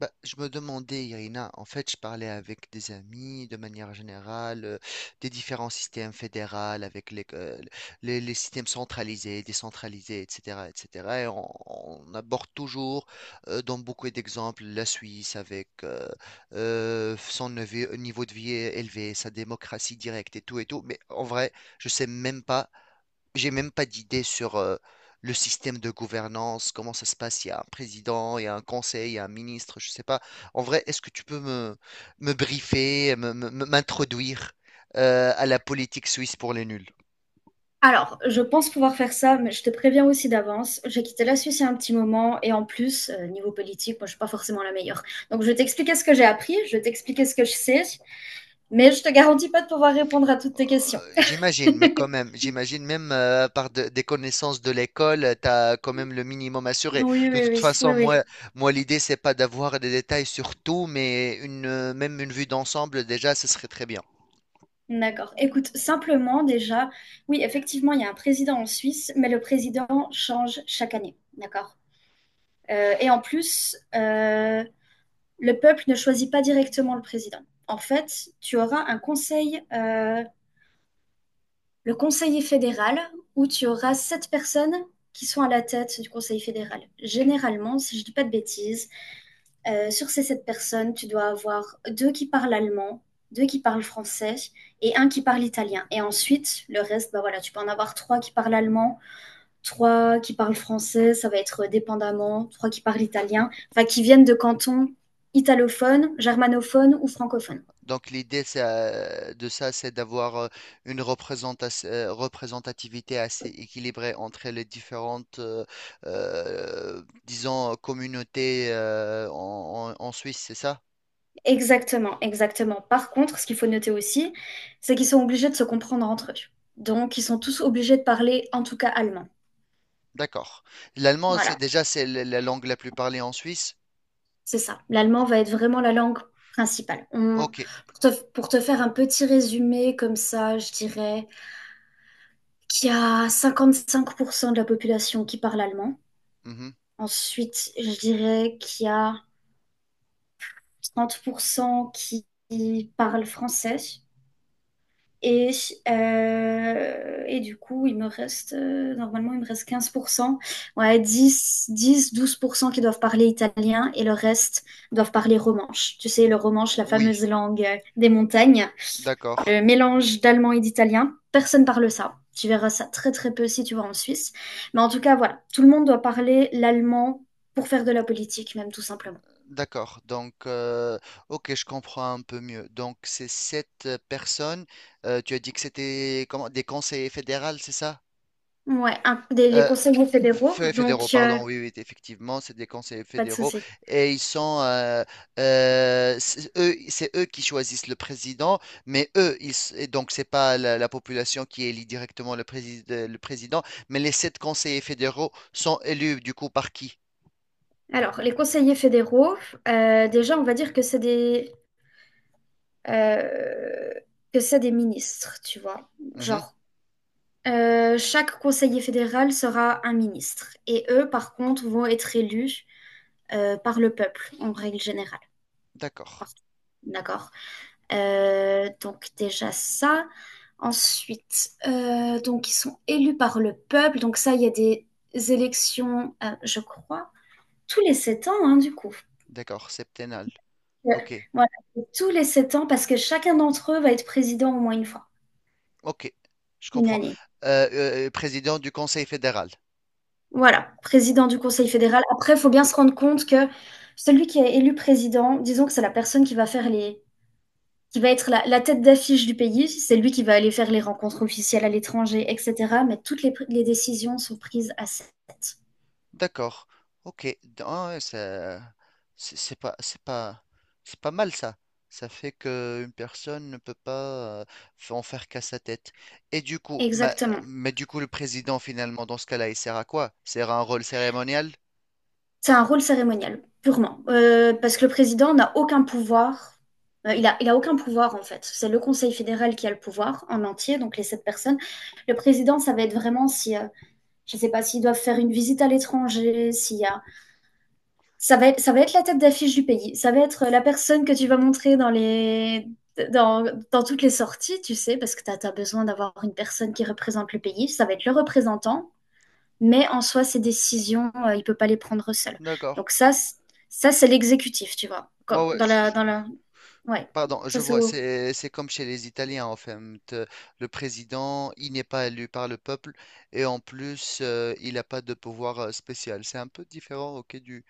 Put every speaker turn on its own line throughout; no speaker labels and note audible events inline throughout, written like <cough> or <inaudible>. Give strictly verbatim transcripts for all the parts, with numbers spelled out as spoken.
Bah, je me demandais, Irina, en fait, je parlais avec des amis de manière générale, euh, des différents systèmes fédéraux, avec les, euh, les, les systèmes centralisés, décentralisés, et cetera, et cetera. Et cetera. Et on, on aborde toujours, euh, dans beaucoup d'exemples, la Suisse avec euh, euh, son nevi- niveau de vie élevé, sa démocratie directe et tout et tout. Mais en vrai, je sais même pas j'ai même pas d'idée sur euh, le système de gouvernance, comment ça se passe. Il y a un président, il y a un conseil, il y a un ministre, je sais pas. En vrai, est-ce que tu peux me, me briefer, me- me- me- m'introduire euh, à la politique suisse pour les nuls?
Alors, je pense pouvoir faire ça, mais je te préviens aussi d'avance. J'ai quitté la Suisse il y a un petit moment, et en plus, euh, niveau politique, moi, je suis pas forcément la meilleure. Donc, je vais t'expliquer ce que j'ai appris, je vais t'expliquer ce que je sais, mais je te garantis pas de pouvoir répondre à toutes tes questions.
Euh, J'imagine, mais quand même, j'imagine même euh, par de- des connaissances de l'école, tu as quand même le minimum assuré.
Oui,
De
oui,
toute
oui, oui,
façon,
oui.
moi, moi l'idée, c'est pas d'avoir des détails sur tout, mais une, euh, même une vue d'ensemble, déjà, ce serait très bien.
D'accord. Écoute, simplement déjà, oui, effectivement, il y a un président en Suisse, mais le président change chaque année. D'accord. Euh, et en plus, euh, le peuple ne choisit pas directement le président. En fait, tu auras un conseil euh, le conseiller fédéral, où tu auras sept personnes qui sont à la tête du conseil fédéral. Généralement, si je ne dis pas de bêtises, euh, sur ces sept personnes, tu dois avoir deux qui parlent allemand, deux qui parlent français et un qui parle italien. Et ensuite, le reste, bah voilà, tu peux en avoir trois qui parlent allemand, trois qui parlent français, ça va être dépendamment, trois qui parlent
Hmm.
italien, enfin qui viennent de cantons italophones, germanophones ou francophones.
Donc l'idée c'est, euh, de ça, c'est d'avoir euh, une représentas- euh, représentativité assez équilibrée entre les différentes, euh, euh, disons, communautés euh, en, en- en Suisse, c'est ça?
Exactement, exactement. Par contre, ce qu'il faut noter aussi, c'est qu'ils sont obligés de se comprendre entre eux. Donc, ils sont tous obligés de parler, en tout cas, allemand.
D'accord. L'allemand, c'est
Voilà,
déjà c'est la la langue la plus parlée en Suisse.
c'est ça.
O-
L'allemand va être vraiment la langue principale. On-
ok.
Pour te, pour te faire un petit résumé comme ça, je dirais qu'il y a cinquante-cinq pour cent de la population qui parle allemand.
Mhm.
Ensuite, je dirais qu'il y a trente pour cent qui qui parlent français. Et, euh, et du coup, il me reste, euh, normalement, il me reste quinze pour cent, ouais, dix, dix, douze pour cent qui doivent parler italien et le reste doivent parler romanche. Tu sais,
Mm,
le romanche, la
oui,
fameuse langue euh, des montagnes, le
d'accord.
mélange d'allemand et d'italien. Personne parle ça. Tu verras ça très très peu si tu vas en Suisse. Mais en tout cas, voilà, tout le monde doit parler l'allemand pour faire de la politique, même tout simplement.
D'accord. Donc, euh, ok, je comprends un peu mieux. Donc, c'est sept euh, personnes. Euh, tu as dit que c'était comment, des conseillers fédéraux, c'est ça?
Ouais, un- des, les
Euh,
conseillers fédéraux,
F- Fédéraux,
donc euh,
pardon, oui, oui, effectivement, c'est des conseillers
pas de
fédéraux
souci.
et ils sont, euh, euh, c'est eux, c'est eux qui choisissent le président, mais eux, ils, s- et donc c'est pas la, la population qui élit directement le président, le président, mais les sept conseillers fédéraux sont élus du coup par qui?
Alors, les conseillers fédéraux, euh, déjà, on va dire que c'est des, euh, que c'est des ministres, tu vois.
Mhm.
Genre, euh, chaque conseiller fédéral sera un ministre. Et eux, par contre, vont être élus euh, par le peuple, en règle générale.
D'accord,
Partout. D'accord? Euh, donc, déjà ça. Ensuite, euh, donc, ils sont élus par le peuple. Donc, ça, il y a des élections, euh, je crois, tous les sept ans, hein, du coup.
d'accord, septennal.
Euh,
Ok,
Voilà, tous les sept ans, parce que chacun d'entre eux va être président au moins une fois,
ok, je
une
comprends.
année.
Euh, euh, président du Conseil fédéral.
Voilà, président du Conseil fédéral. Après, il faut bien se rendre compte que celui qui est élu président, disons que c'est la personne qui va faire les, qui va être la, la tête d'affiche du pays, c'est lui qui va aller faire les rencontres officielles à l'étranger, et cetera. Mais toutes les, pr- les décisions sont prises à sept.
D'accord. Ok. D- ah ouais, ça- c'est c'est pas, c'est pas, c'est pas mal ça. Ça fait que une personne ne peut pas euh, f- en faire qu'à sa tête. Et du coup, ma-
Exactement.
mais du coup, le président finalement, dans ce cas-là, il sert à quoi? Il sert à un rôle cérémonial?
C'est un rôle cérémonial, purement. Euh, parce que le président n'a aucun pouvoir. Euh, il a, il a aucun pouvoir, en fait. C'est le Conseil fédéral qui a le pouvoir en entier, donc les sept personnes. Le président, ça va être vraiment si, euh, je ne sais pas, s'ils doivent faire une visite à l'étranger, s'il y a… Ça va être, ça va être la tête d'affiche du pays. Ça va être euh, la personne que tu vas montrer dans les… Dans, dans toutes les sorties, tu sais, parce que tu as besoin d'avoir une personne qui représente le pays. Ça va être le représentant, mais en soi, ses décisions, euh, il peut pas les prendre seul.
D'accord.
Donc ça, c- ça c'est l'exécutif, tu vois.
Ouais,
Quand-
ouais,
Dans
je-
la,
je-
dans la, ouais,
pardon,
ça
je
c'est
vois,
au-
c'est, c'est comme chez les Italiens, en fait. Euh, le président, il n'est pas élu par le peuple et en plus, euh, il n'a pas de pouvoir euh, spécial. C'est un peu différent, ok, du,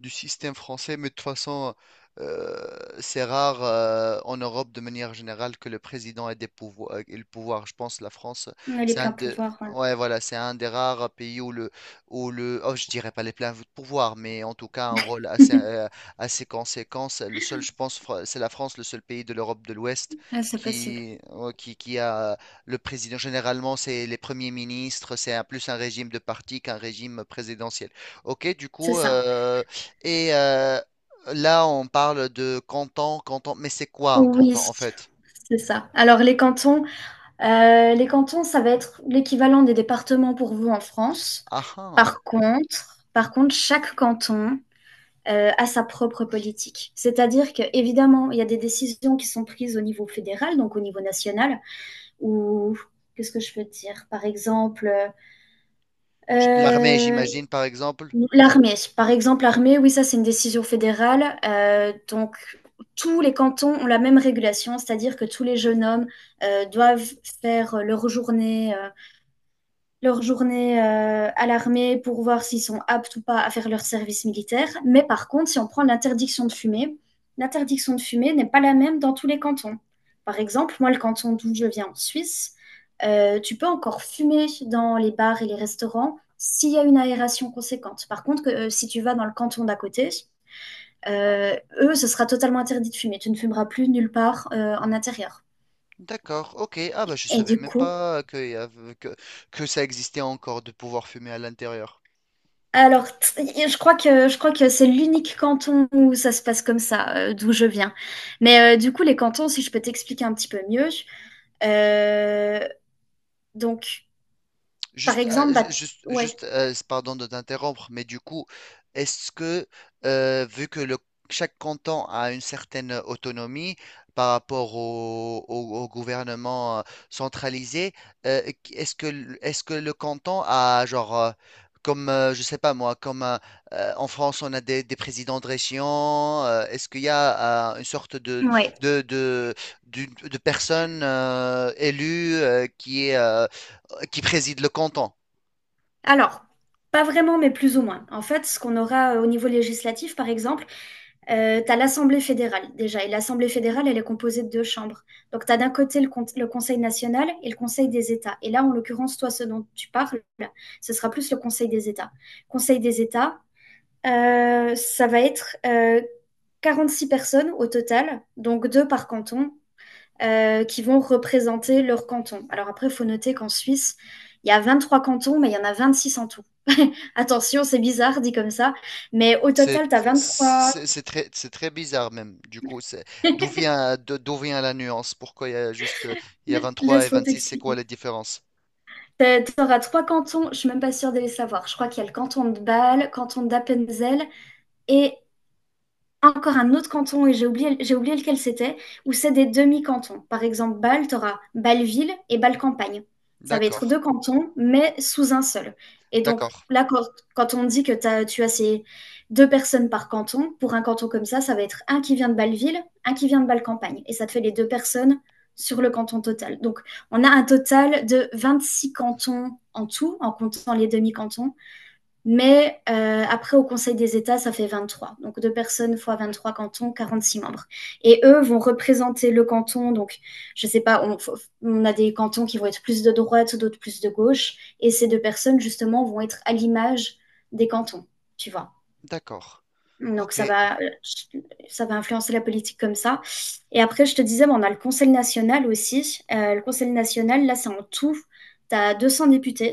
du système français, mais de toute façon, euh, c'est rare euh, en Europe de manière générale que le président ait des pouvoirs, euh, ait le pouvoir. Je pense que la France,
on a les
c'est un
pleins
de,
pouvoirs.
ouais, voilà, c'est un des rares pays où le, où le, oh, je dirais pas les pleins pouvoirs, mais en tout cas un rôle
Ouais.
assez,
<laughs>
euh, assez conséquent. C'est le seul, je pense, Fra- c'est la France, le seul pays de l'Europe de l'Ouest
Ah, c'est possible.
qui, ouais, qui, qui a le président. Généralement, c'est les premiers ministres, c'est un- plus un régime de parti qu'un régime présidentiel. Ok, du
C'est
coup,
ça.
euh, et euh, là, on parle de canton, canton. Mais c'est quoi un
Oui,
canton en fait?
c'est ça. Alors les cantons, euh, les cantons, ça va être l'équivalent des départements pour vous en France.
Ah, ah.
Par contre, par contre, chaque canton euh, a sa propre politique. C'est-à-dire que évidemment, il y a des décisions qui sont prises au niveau fédéral, donc au niveau national, ou qu'est-ce que je peux dire? Par exemple, euh,
Je- L'armée,
euh,
j'imagine, par exemple.
l'armée. Par exemple, l'armée, oui, ça c'est une décision fédérale. Euh, donc, tous les cantons ont la même régulation, c'est-à-dire que tous les jeunes hommes euh, doivent faire leur journée euh, leur journée euh, à l'armée pour voir s'ils sont aptes ou pas à faire leur service militaire. Mais par contre, si on prend l'interdiction de fumer, l'interdiction de fumer n'est pas la même dans tous les cantons. Par exemple, moi, le canton d'où je viens en Suisse, euh, tu peux encore fumer dans les bars et les restaurants s'il y a une aération conséquente. Par contre, que, euh, si tu vas dans le canton d'à côté, euh, eux, ce sera totalement interdit de fumer. Tu ne fumeras plus nulle part euh, en intérieur.
D'accord, ok. Ah bah je
Et
savais
du
même
coup,
pas que, y avait- que, que ça existait encore de pouvoir fumer à l'intérieur.
alors, t- y- je crois que je crois que c'est l'unique canton où ça se passe comme ça, euh, d'où je viens. Mais euh, du coup, les cantons, si je peux t'expliquer un petit peu mieux. euh, donc, par
Juste, euh,
exemple, bah,
ju- juste,
ouais,
juste euh, pardon de t'interrompre, mais du coup, est-ce que, euh, vu que le, chaque canton a une certaine autonomie par rapport au, au- au gouvernement euh, centralisé, euh, qu- est-ce que, l- est-ce que le canton a, genre, euh, comme, euh, je sais pas moi, comme euh, euh, en France, on a des, des présidents de région, euh, est-ce qu'il y a euh, une sorte de,
ouais.
de, de, d'une- de personne euh, élue euh, qui est. euh, euh, qui préside le canton.
Alors, pas vraiment, mais plus ou moins. En fait, ce qu'on aura euh, au niveau législatif, par exemple, euh, t'as l'Assemblée fédérale déjà, et l'Assemblée fédérale, elle est composée de deux chambres. Donc, t'as d'un côté le, con- le Conseil national et le Conseil des États. Et là, en l'occurrence, toi, ce dont tu parles, ce sera plus le Conseil des États. Conseil des États. Euh, ça va être euh, six personnes au total, donc deux par canton, euh, qui vont représenter leur canton. Alors après, il faut noter qu'en Suisse, il y a vingt-trois cantons, mais il y en a vingt-six en tout. <laughs> Attention, c'est bizarre dit comme ça, mais au
C'est
total, tu as vingt-trois…
c'est- c'est très, c'est très bizarre même. Du coup, c'est- d'où vient, de- d'où vient la nuance? Pourquoi il y a juste, euh, il y
La-
a vingt trois et
Laisse-moi
vingt six. C'est quoi
t'expliquer.
la différence?
Tu auras trois cantons, je suis même pas sûre de les savoir. Je crois qu'il y a le canton de Bâle, canton d'Appenzell et encore un autre canton, et j'ai oublié, j'ai oublié lequel c'était, où c'est des demi-cantons. Par exemple, Bâle, tu auras Bâle-Ville et Bâle-Campagne. Ça va être
D'accord,
deux cantons, mais sous un seul. Et donc,
d'accord,
là, quand, quand on dit que t'as- tu as ces deux personnes par canton, pour un canton comme ça, ça va être un qui vient de Bâle-Ville, un qui vient de Bâle-Campagne. Et ça te fait les deux personnes sur le canton total. Donc, on a un total de vingt-six cantons en tout, en comptant les demi-cantons, mais euh, après, au Conseil des États, ça fait vingt-trois. Donc, deux personnes fois vingt-trois cantons, quarante-six membres. Et eux vont représenter le canton. Donc, je ne sais pas, on, on a des cantons qui vont être plus de droite, d'autres plus de gauche. Et ces deux personnes, justement, vont être à l'image des cantons, tu vois.
d'accord.
Donc, ça
Ok,
va, ça va influencer la politique comme ça. Et après, je te disais, bon, on a le Conseil national aussi. Euh, le Conseil national, là, c'est en tout. Tu as deux cents députés.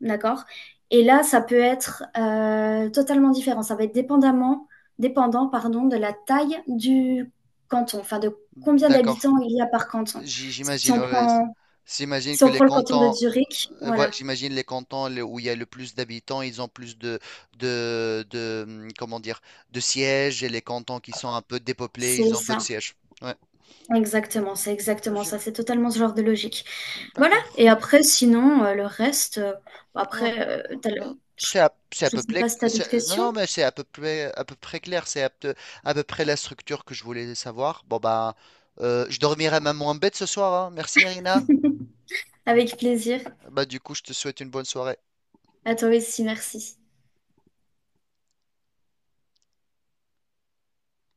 D'accord? Et là, ça peut être euh, totalement différent. Ça va être dépendamment, dépendant, pardon, de la taille du canton, enfin de combien
d'accord.
d'habitants il y a par canton.
J-
Si
J'imagine,
on
ouais, ouais.
prend,
J'imagine
si
que
on
les
prend le canton de
cantons,
Zurich,
euh, ouais,
voilà,
j'imagine les cantons le- où il y a le plus d'habitants, ils ont plus de, de, de, hum, comment dire, de sièges et les cantons qui sont un peu dépeuplés, ils
c'est
ont peu de
ça.
sièges. Ouais,
Exactement, c'est exactement ça.
logique.
C'est totalement ce genre de logique. Voilà.
D'accord.
Et après, sinon, euh, le reste, euh, bon,
Non,
après, euh, t'as
non,
le-
c'est à, c'est à
je ne
peu
sais
près,
pas si tu as d'autres
c'est- non,
questions.
non, mais c'est à peu près, à peu près clair. C'est à, peu à peu près la structure que je voulais savoir. Bon, bah, euh, je dormirai même en bête ce soir, hein. Merci, Irina.
<laughs> Avec plaisir.
Bah, du coup, je te souhaite une bonne soirée.
À toi aussi, merci.